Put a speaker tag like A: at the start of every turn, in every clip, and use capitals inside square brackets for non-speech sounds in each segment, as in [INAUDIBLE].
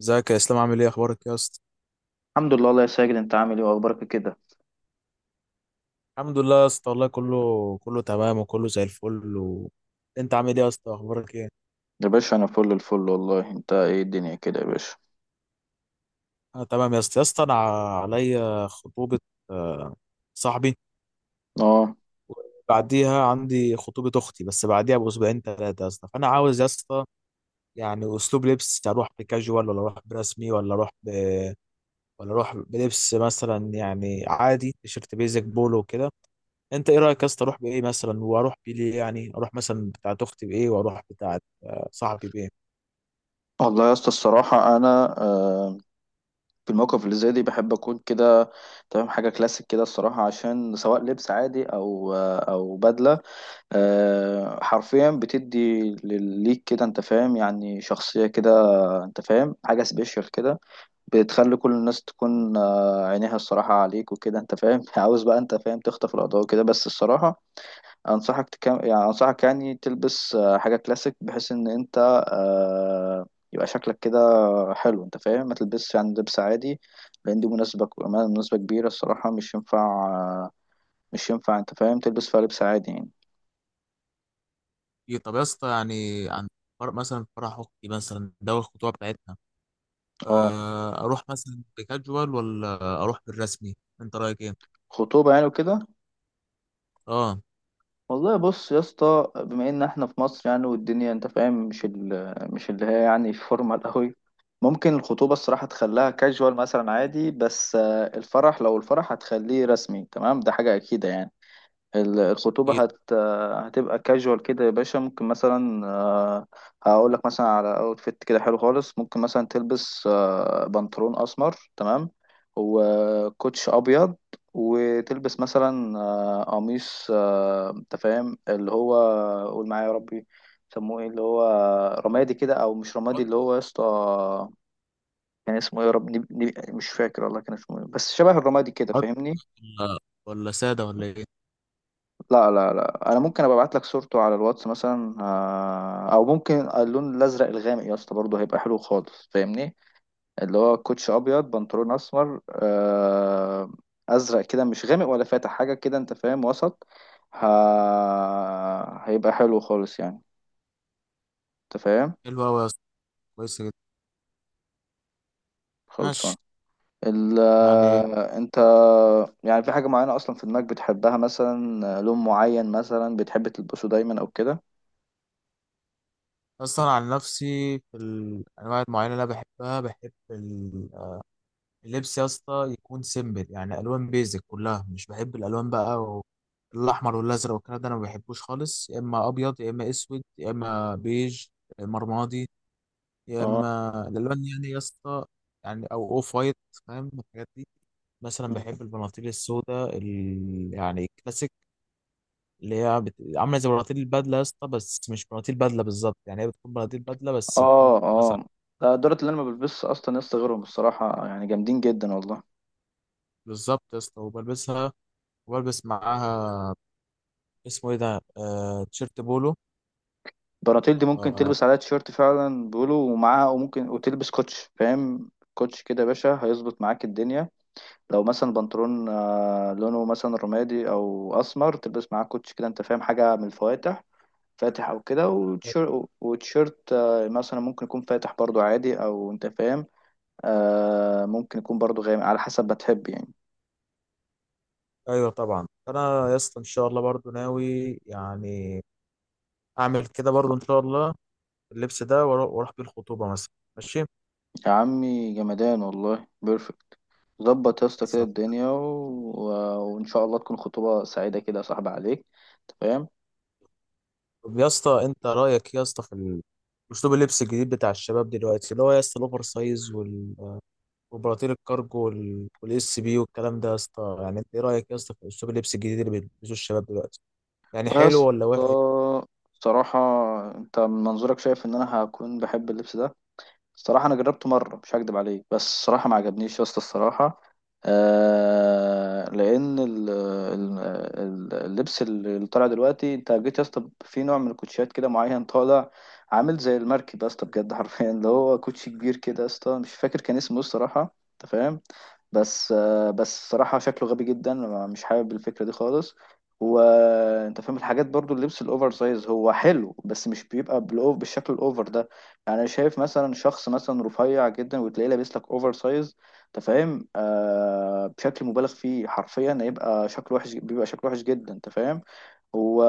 A: ازيك يا اسلام، عامل ايه؟ اخبارك يا اسطى؟
B: الحمد لله الله يا ساجد، انت عامل ايه واخبارك كده؟
A: الحمد لله يا اسطى، والله كله كله تمام وكله زي الفل انت عامل ايه يا اسطى؟ اخبارك ايه؟
B: يا باشا انا فل الفل والله، انت ايه الدنيا كده يا باشا؟
A: انا تمام يا اسطى، يا اسطى انا عليا خطوبه. آه، صاحبي.
B: اه،
A: بعديها عندي خطوبه اختي، بس بعديها باسبوعين ثلاثه يا اسطى. فانا عاوز يا اسطى يعني اسلوب لبس، اروح بكاجوال ولا اروح برسمي ولا اروح ولا اروح بلبس مثلا يعني عادي تيشيرت بيزك بولو وكده. انت ايه رايك يا اسطى؟ اروح بايه مثلا؟ واروح بيه ليه؟ يعني اروح مثلا بتاعه اختي بايه؟ واروح بتاعه صاحبي بايه؟
B: والله يا اسطى الصراحه انا في الموقف اللي زي دي بحب اكون كده تمام. حاجه كلاسيك كده الصراحه، عشان سواء لبس عادي او بدله، حرفيا بتدي ليك كده انت فاهم، يعني شخصيه كده، انت فاهم، حاجه سبيشال كده. بتخلي كل الناس تكون عينيها الصراحه عليك وكده انت فاهم [LAUGHS] عاوز بقى انت فاهم تخطف الاضواء كده، بس الصراحه انصحك يعني تلبس حاجه كلاسيك، بحيث ان انت آه، يبقى شكلك كده حلو. انت فاهم ما تلبسش يعني لبس عادي، لان دي مناسبه مناسبه كبيره الصراحه، مش ينفع انت فاهم تلبس فيها لبس عادي يعني.
A: إيه، طب يا اسطى يعني عن مثلا فرح اختي مثلا، ده الخطوبه بتاعتنا.
B: اه،
A: اروح مثلا بكاجوال ولا اروح بالرسمي؟ انت رايك ايه؟
B: خطوبه يعني وكده.
A: اه.
B: والله بص يا اسطى، بما ان احنا في مصر يعني، والدنيا انت فاهم مش اللي هي يعني فورمال [LAUGHS] قوي. ممكن الخطوبة الصراحة تخليها كاجوال مثلا عادي، بس الفرح لو الفرح هتخليه رسمي تمام ده حاجة أكيدة يعني. الخطوبة
A: ايه؟
B: هتبقى كاجوال كده يا باشا. ممكن مثلا هقول لك مثلا على اوتفيت كده حلو خالص، ممكن مثلا تلبس بنطلون أسمر تمام وكوتش أبيض، وتلبس مثلا قميص أنت فاهم اللي هو، قول معايا يا ربي، سموه ايه اللي هو رمادي كده او مش رمادي،
A: بط-
B: اللي هو يا اسطى كان اسمه ايه يا رب، مش فاكر والله كان اسمه ايه، بس شبه الرمادي كده
A: بط-
B: فاهمني.
A: ولا، ولا ساده ولا ايه؟
B: لا، لا، لا، انا ممكن ابقى ابعت لك صورته على الواتس مثلا، او ممكن اللون الازرق الغامق يا اسطى برضه هيبقى حلو خالص فاهمني. اللي هو كوتش ابيض، بنطلون اسمر، ازرق كده مش غامق ولا فاتح، حاجه كده انت فاهم وسط. ه- هيبقى حلو خالص يعني انت فاهم.
A: حلو قوي يا اسطى، كويسه جدا. ماشي.
B: خلصان. ال
A: يعني
B: آه، انت يعني في حاجه معينه اصلا في دماغك بتحبها مثلا، لون معين مثلا بتحب تلبسه دايما او كده؟
A: اصلا عن نفسي في الانواع المعينه اللي انا بحب اللبس يا اسطى يكون سيمبل، يعني الوان بيزك كلها، مش بحب الالوان بقى الاحمر والازرق والكلام ده انا ما بحبوش خالص، يا اما ابيض يا اما اسود يا اما بيج يا اما رمادي يا
B: اه،
A: اما الالوان يعني يا اسطى، يعني او اوف وايت، فاهم الحاجات دي. مثلا بحب البناطيل السوداء يعني الكلاسيك، اللي هي عامله زي بناطيل البدله يا اسطى، بس مش بناطيل بدله بالظبط. يعني هي بتكون بناطيل بدله بس بتكون
B: اه، اه،
A: واسعه.
B: ده الدرات اللي انا ما بلبسش اصلا يا اسطى غيرهم الصراحه، يعني جامدين جدا والله.
A: بالظبط يا اسطى، وبلبسها وبلبس معاها، اسمه ايه ده، آه، تيشيرت بولو.
B: البناطيل دي ممكن
A: آه،
B: تلبس عليها تيشيرت فعلا بيقولوا، ومعاها وممكن وتلبس كوتش، فاهم كوتش كده يا باشا هيظبط معاك الدنيا. لو مثلا بنطلون لونه مثلا رمادي او اسمر، تلبس معاه كوتش كده انت فاهم، حاجه من الفواتح فاتح او كده، وتيشيرت مثلا ممكن يكون فاتح برضو عادي او انت فاهم، ممكن يكون برضو غامق على حسب ما تحب يعني.
A: ايوه طبعا انا يا اسطى ان شاء الله برضو ناوي يعني اعمل كده برضو ان شاء الله، اللبس ده واروح بيه الخطوبه مثلا. ماشي.
B: يا عمي جمدان والله بيرفكت، ظبط يا اسطى كده
A: خلصان.
B: الدنيا وان شاء الله تكون خطوبه سعيده كده يا صاحبي عليك، أنت فاهم.
A: طب يا اسطى، انت رايك يا اسطى في اسلوب اللبس الجديد بتاع الشباب دلوقتي، اللي هو يا اسطى الاوفر سايز وبراطيل الكارجو والاس بي والكلام ده يا اسطى؟ يعني انت ايه رايك يا اسطى في اسلوب اللبس الجديد اللي بيلبسوه الشباب دلوقتي؟ يعني
B: يا
A: حلو
B: اسطى
A: ولا وحش؟
B: بصراحه، انت من منظورك شايف ان انا هكون بحب اللبس ده؟ الصراحة أنا جربته مرة مش هكدب عليك، بس الصراحة ما عجبنيش يا اسطى الصراحة. لأن اللبس اللي طالع دلوقتي، أنت جيت يا اسطى في نوع من الكوتشيات كده معين طالع عامل زي المركب يا اسطى بجد [LAUGHS] حرفيا اللي هو كوتشي كبير كده يا اسطى مش فاكر كان اسمه إيه الصراحة أنت فاهم. بس الصراحة شكله غبي جدا، مش حابب الفكرة دي خالص. وانت فاهم الحاجات برضو، اللبس الاوفر سايز هو حلو، بس مش بيبقى بالشكل الاوفر ده. يعني أنا شايف مثلا شخص مثلا رفيع جدا وتلاقيه لابس لك اوفر سايز انت فاهم، بشكل مبالغ فيه، حرفيا هيبقى شكله وحش، بيبقى شكله وحش جدا انت فاهم هو.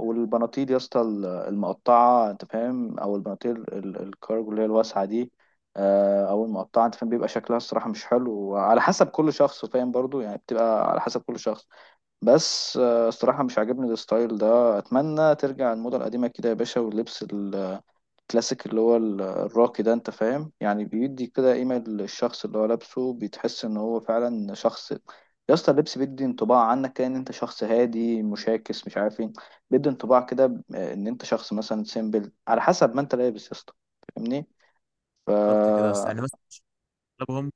B: والبناطيل يا اسطى المقطعة انت فاهم، او البناطيل الكارجو اللي هي الواسعة دي، او المقطعة انت فاهم، بيبقى شكلها الصراحة مش حلو، وعلى حسب كل شخص فاهم برضو يعني، بتبقى على حسب كل شخص. بس الصراحة مش عاجبني الستايل ده، اتمنى ترجع الموضة القديمة كده يا باشا، واللبس الكلاسيك اللي هو الراقي ده انت فاهم، يعني بيدي كده قيمة للشخص اللي هو لابسه، بتحس ان هو فعلا شخص. يا اسطى اللبس بيدي انطباع عنك كده ان انت شخص هادي، مشاكس، مش عارف ايه، بيدي انطباع كده ان انت شخص مثلا سيمبل على حسب ما انت لابس يا اسطى، فاهمني.
A: بالظبط كده يا اسطى،
B: فا
A: يعني مثلا اغلبهم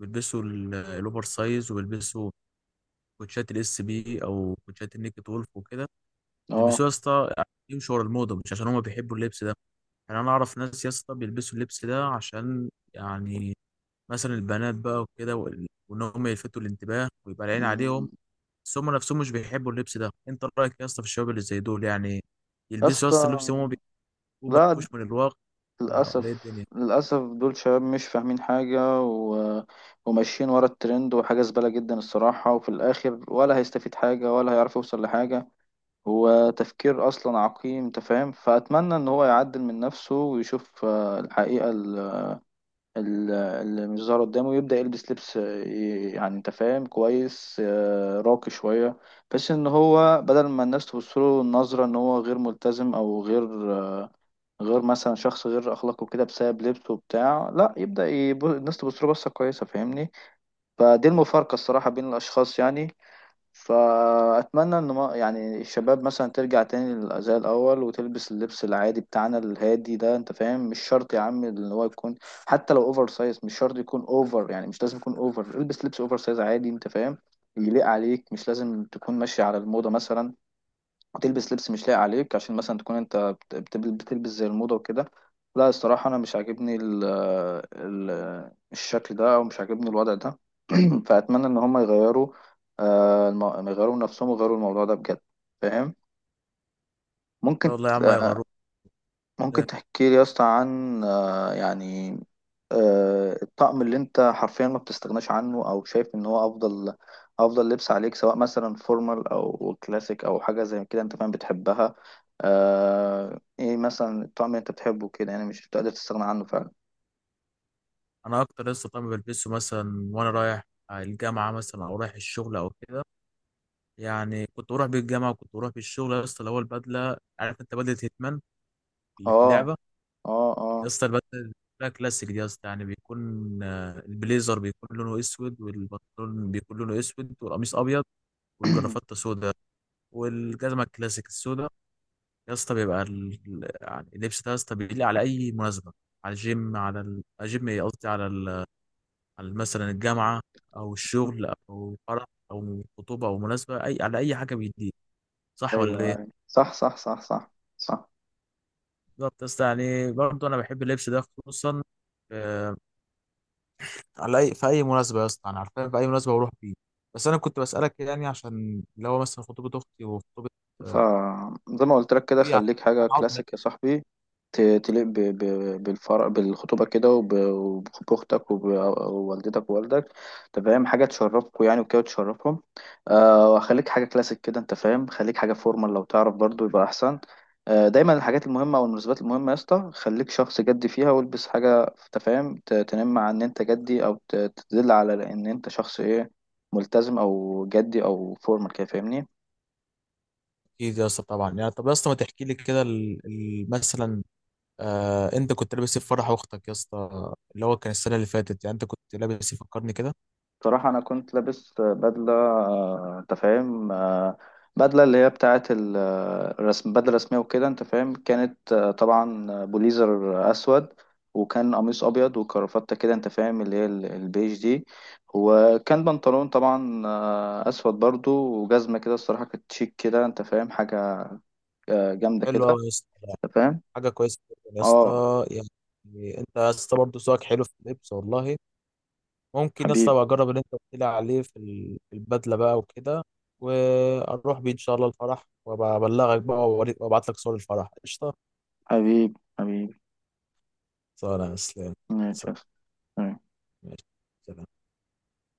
A: بيلبسوا الاوفر سايز، وبيلبسوا كوتشات الاس بي او كوتشات النيكد وولف وكده.
B: اه.
A: بيلبسوه يا اسطى عشان يمشوا ورا الموضه، مش عشان هما بيحبوا اللبس ده. يعني انا اعرف ناس يا اسطى بيلبسوا اللبس ده عشان يعني مثلا البنات بقى وكده، وان هم يلفتوا الانتباه ويبقى العين عليهم.
B: مم.
A: بس هم نفسهم مش بيحبوا اللبس ده. انت رايك يا اسطى في الشباب اللي زي دول؟ يعني
B: يا
A: يلبسوا يا اسطى
B: اسطى،
A: اللبس اللي هم بيحبوه، ما
B: لا،
A: يخافوش من الواقع. ولا ايه
B: للأسف.
A: الدنيا؟ ان
B: للأسف دول شباب مش فاهمين حاجة، وماشيين ورا الترند، وحاجة زبالة جدا الصراحة، وفي الآخر ولا هيستفيد حاجة ولا هيعرف يوصل لحاجة. هو تفكير أصلا عقيم أنت فاهم، فأتمنى إن هو يعدل من نفسه ويشوف الحقيقة اللي مش ظاهرة قدامه، ويبدأ يلبس لبس يعني أنت فاهم كويس، راقي شوية، بحيث إن هو بدل ما الناس تبص له نظرة إن هو غير ملتزم، أو غير مثلا شخص غير اخلاقه كده بسبب لبسه وبتاع، لا يبدا الناس تبص له بصه كويسه فاهمني. فدي المفارقه الصراحه بين الاشخاص يعني. فاتمنى ان ما يعني الشباب مثلا ترجع تاني زي الاول وتلبس اللبس العادي بتاعنا الهادي ده انت فاهم. مش شرط يا عم ان هو يكون حتى لو اوفر سايز، مش شرط يكون اوفر يعني، مش لازم يكون اوفر. البس لبس اوفر سايز عادي انت فاهم، يليق عليك، مش لازم تكون ماشي على الموضه مثلا وتلبس لبس مش لايق عليك عشان مثلا تكون انت بتلبس زي الموضة وكده. لا، الصراحة انا مش عاجبني ال ال الشكل ده، او مش عاجبني الوضع ده. [CLEARS THROAT] فاتمنى ان هم يغيروا من نفسهم، ويغيروا الموضوع ده بجد، فاهم؟ ممكن
A: شاء الله يا عم هيغيروك.
B: ممكن تحكي لي يا اسطى عن يعني الطقم اللي انت حرفيا ما بتستغناش عنه، او شايف ان هو افضل افضل لبس عليك، سواء مثلا فورمال او كلاسيك او حاجه زي كده انت فاهم بتحبها؟ ايه مثلا الطقم اللي انت بتحبه كده يعني مش بتقدر تستغنى عنه فعلا؟
A: انا اكتر لسه طبعا بلبسه، مثلا وانا رايح الجامعه مثلا او رايح الشغل او كده. يعني كنت بروح بيه الجامعه وكنت بروح بيه الشغل يا اسطى، اللي هو البدله. عارف انت بدله هيتمان اللي في
B: اه،
A: اللعبه؟
B: اه،
A: يا
B: اه.
A: اسطى البدله بقى كلاسيك دي يا اسطى، يعني بيكون البليزر بيكون لونه اسود، والبنطلون بيكون لونه اسود، والقميص ابيض، والجرافته سودا، والجزمه الكلاسيك السودا يا اسطى. بيبقى يعني اللبس ده يا اسطى بيليق على اي مناسبه، على الجيم، على الجيم ايه، قصدي على على مثلا الجامعه او الشغل
B: [CLEARS THROAT]
A: او فرح او خطوبه او مناسبه اي، على اي حاجه بيليق. صح ولا
B: ايوه أيوة.
A: ايه؟
B: صح، صح، صح، صح، صح.
A: بالظبط يا اسطى، يعني برضه انا بحب اللبس ده خصوصا آه، على اي، في اي مناسبه يا اسطى، انا عارفين في اي مناسبه بروح فيه. بس انا كنت بسالك يعني عشان اللي هو مثلا خطوبه اختي وخطوبه
B: فزي ما قلت لك كده
A: اخوي، عشان
B: خليك حاجة
A: انا عاوز.
B: كلاسيك يا صاحبي، تليق بالفرح بالخطوبة كده، وبأختك ووالدتك ووالدك. أنت فاهم حاجة تشرفكوا يعني وكده تشرفهم. وخليك حاجة كلاسيك كده أنت فاهم، خليك حاجة فورمال لو تعرف برضو يبقى أحسن. دايما الحاجات المهمة أو المناسبات المهمة يا اسطى، خليك شخص جدي فيها والبس حاجة أنت فاهم تنم عن إن أنت جدي، أو تدل على إن أنت شخص إيه، ملتزم أو جدي أو فورمال كده فاهمني.
A: اكيد يا اسطى طبعا، يعني طب يا اسطى ما تحكي لي كده مثلا، انت كنت لابس ايه في فرح اختك يا اسطى، اللي هو كان السنه اللي فاتت؟ يعني انت كنت لابس ايه؟ فكرني كده.
B: صراحة أنا كنت لابس بدلة أنت فاهم، بدلة اللي هي بتاعة الرسم، بدلة رسمية وكده أنت فاهم. كانت طبعا بوليزر أسود، وكان قميص أبيض وكرافتة كده أنت فاهم اللي هي البيج دي، وكان بنطلون طبعا أسود برضو، وجزمة كده. الصراحة كانت شيك كده أنت فاهم، حاجة جامدة
A: حلو
B: كده،
A: قوي يا اسطى،
B: أنت فاهم.
A: حاجه كويسه جداً يا
B: اه،
A: اسطى يعني. انت يا اسطى برضه ذوقك حلو في اللبس، والله. ممكن يا اسطى
B: حبيب
A: ابقى اجرب اللي انت قلت لي عليه في في البدله بقى وكده، واروح بيه ان شاء الله الفرح، وابلغك بقى، وابعت لك صور الفرح. قشطه.
B: حبيب حبيب.
A: سلام يا اسلام.
B: ماشي.
A: سلام. ماشي. سلام.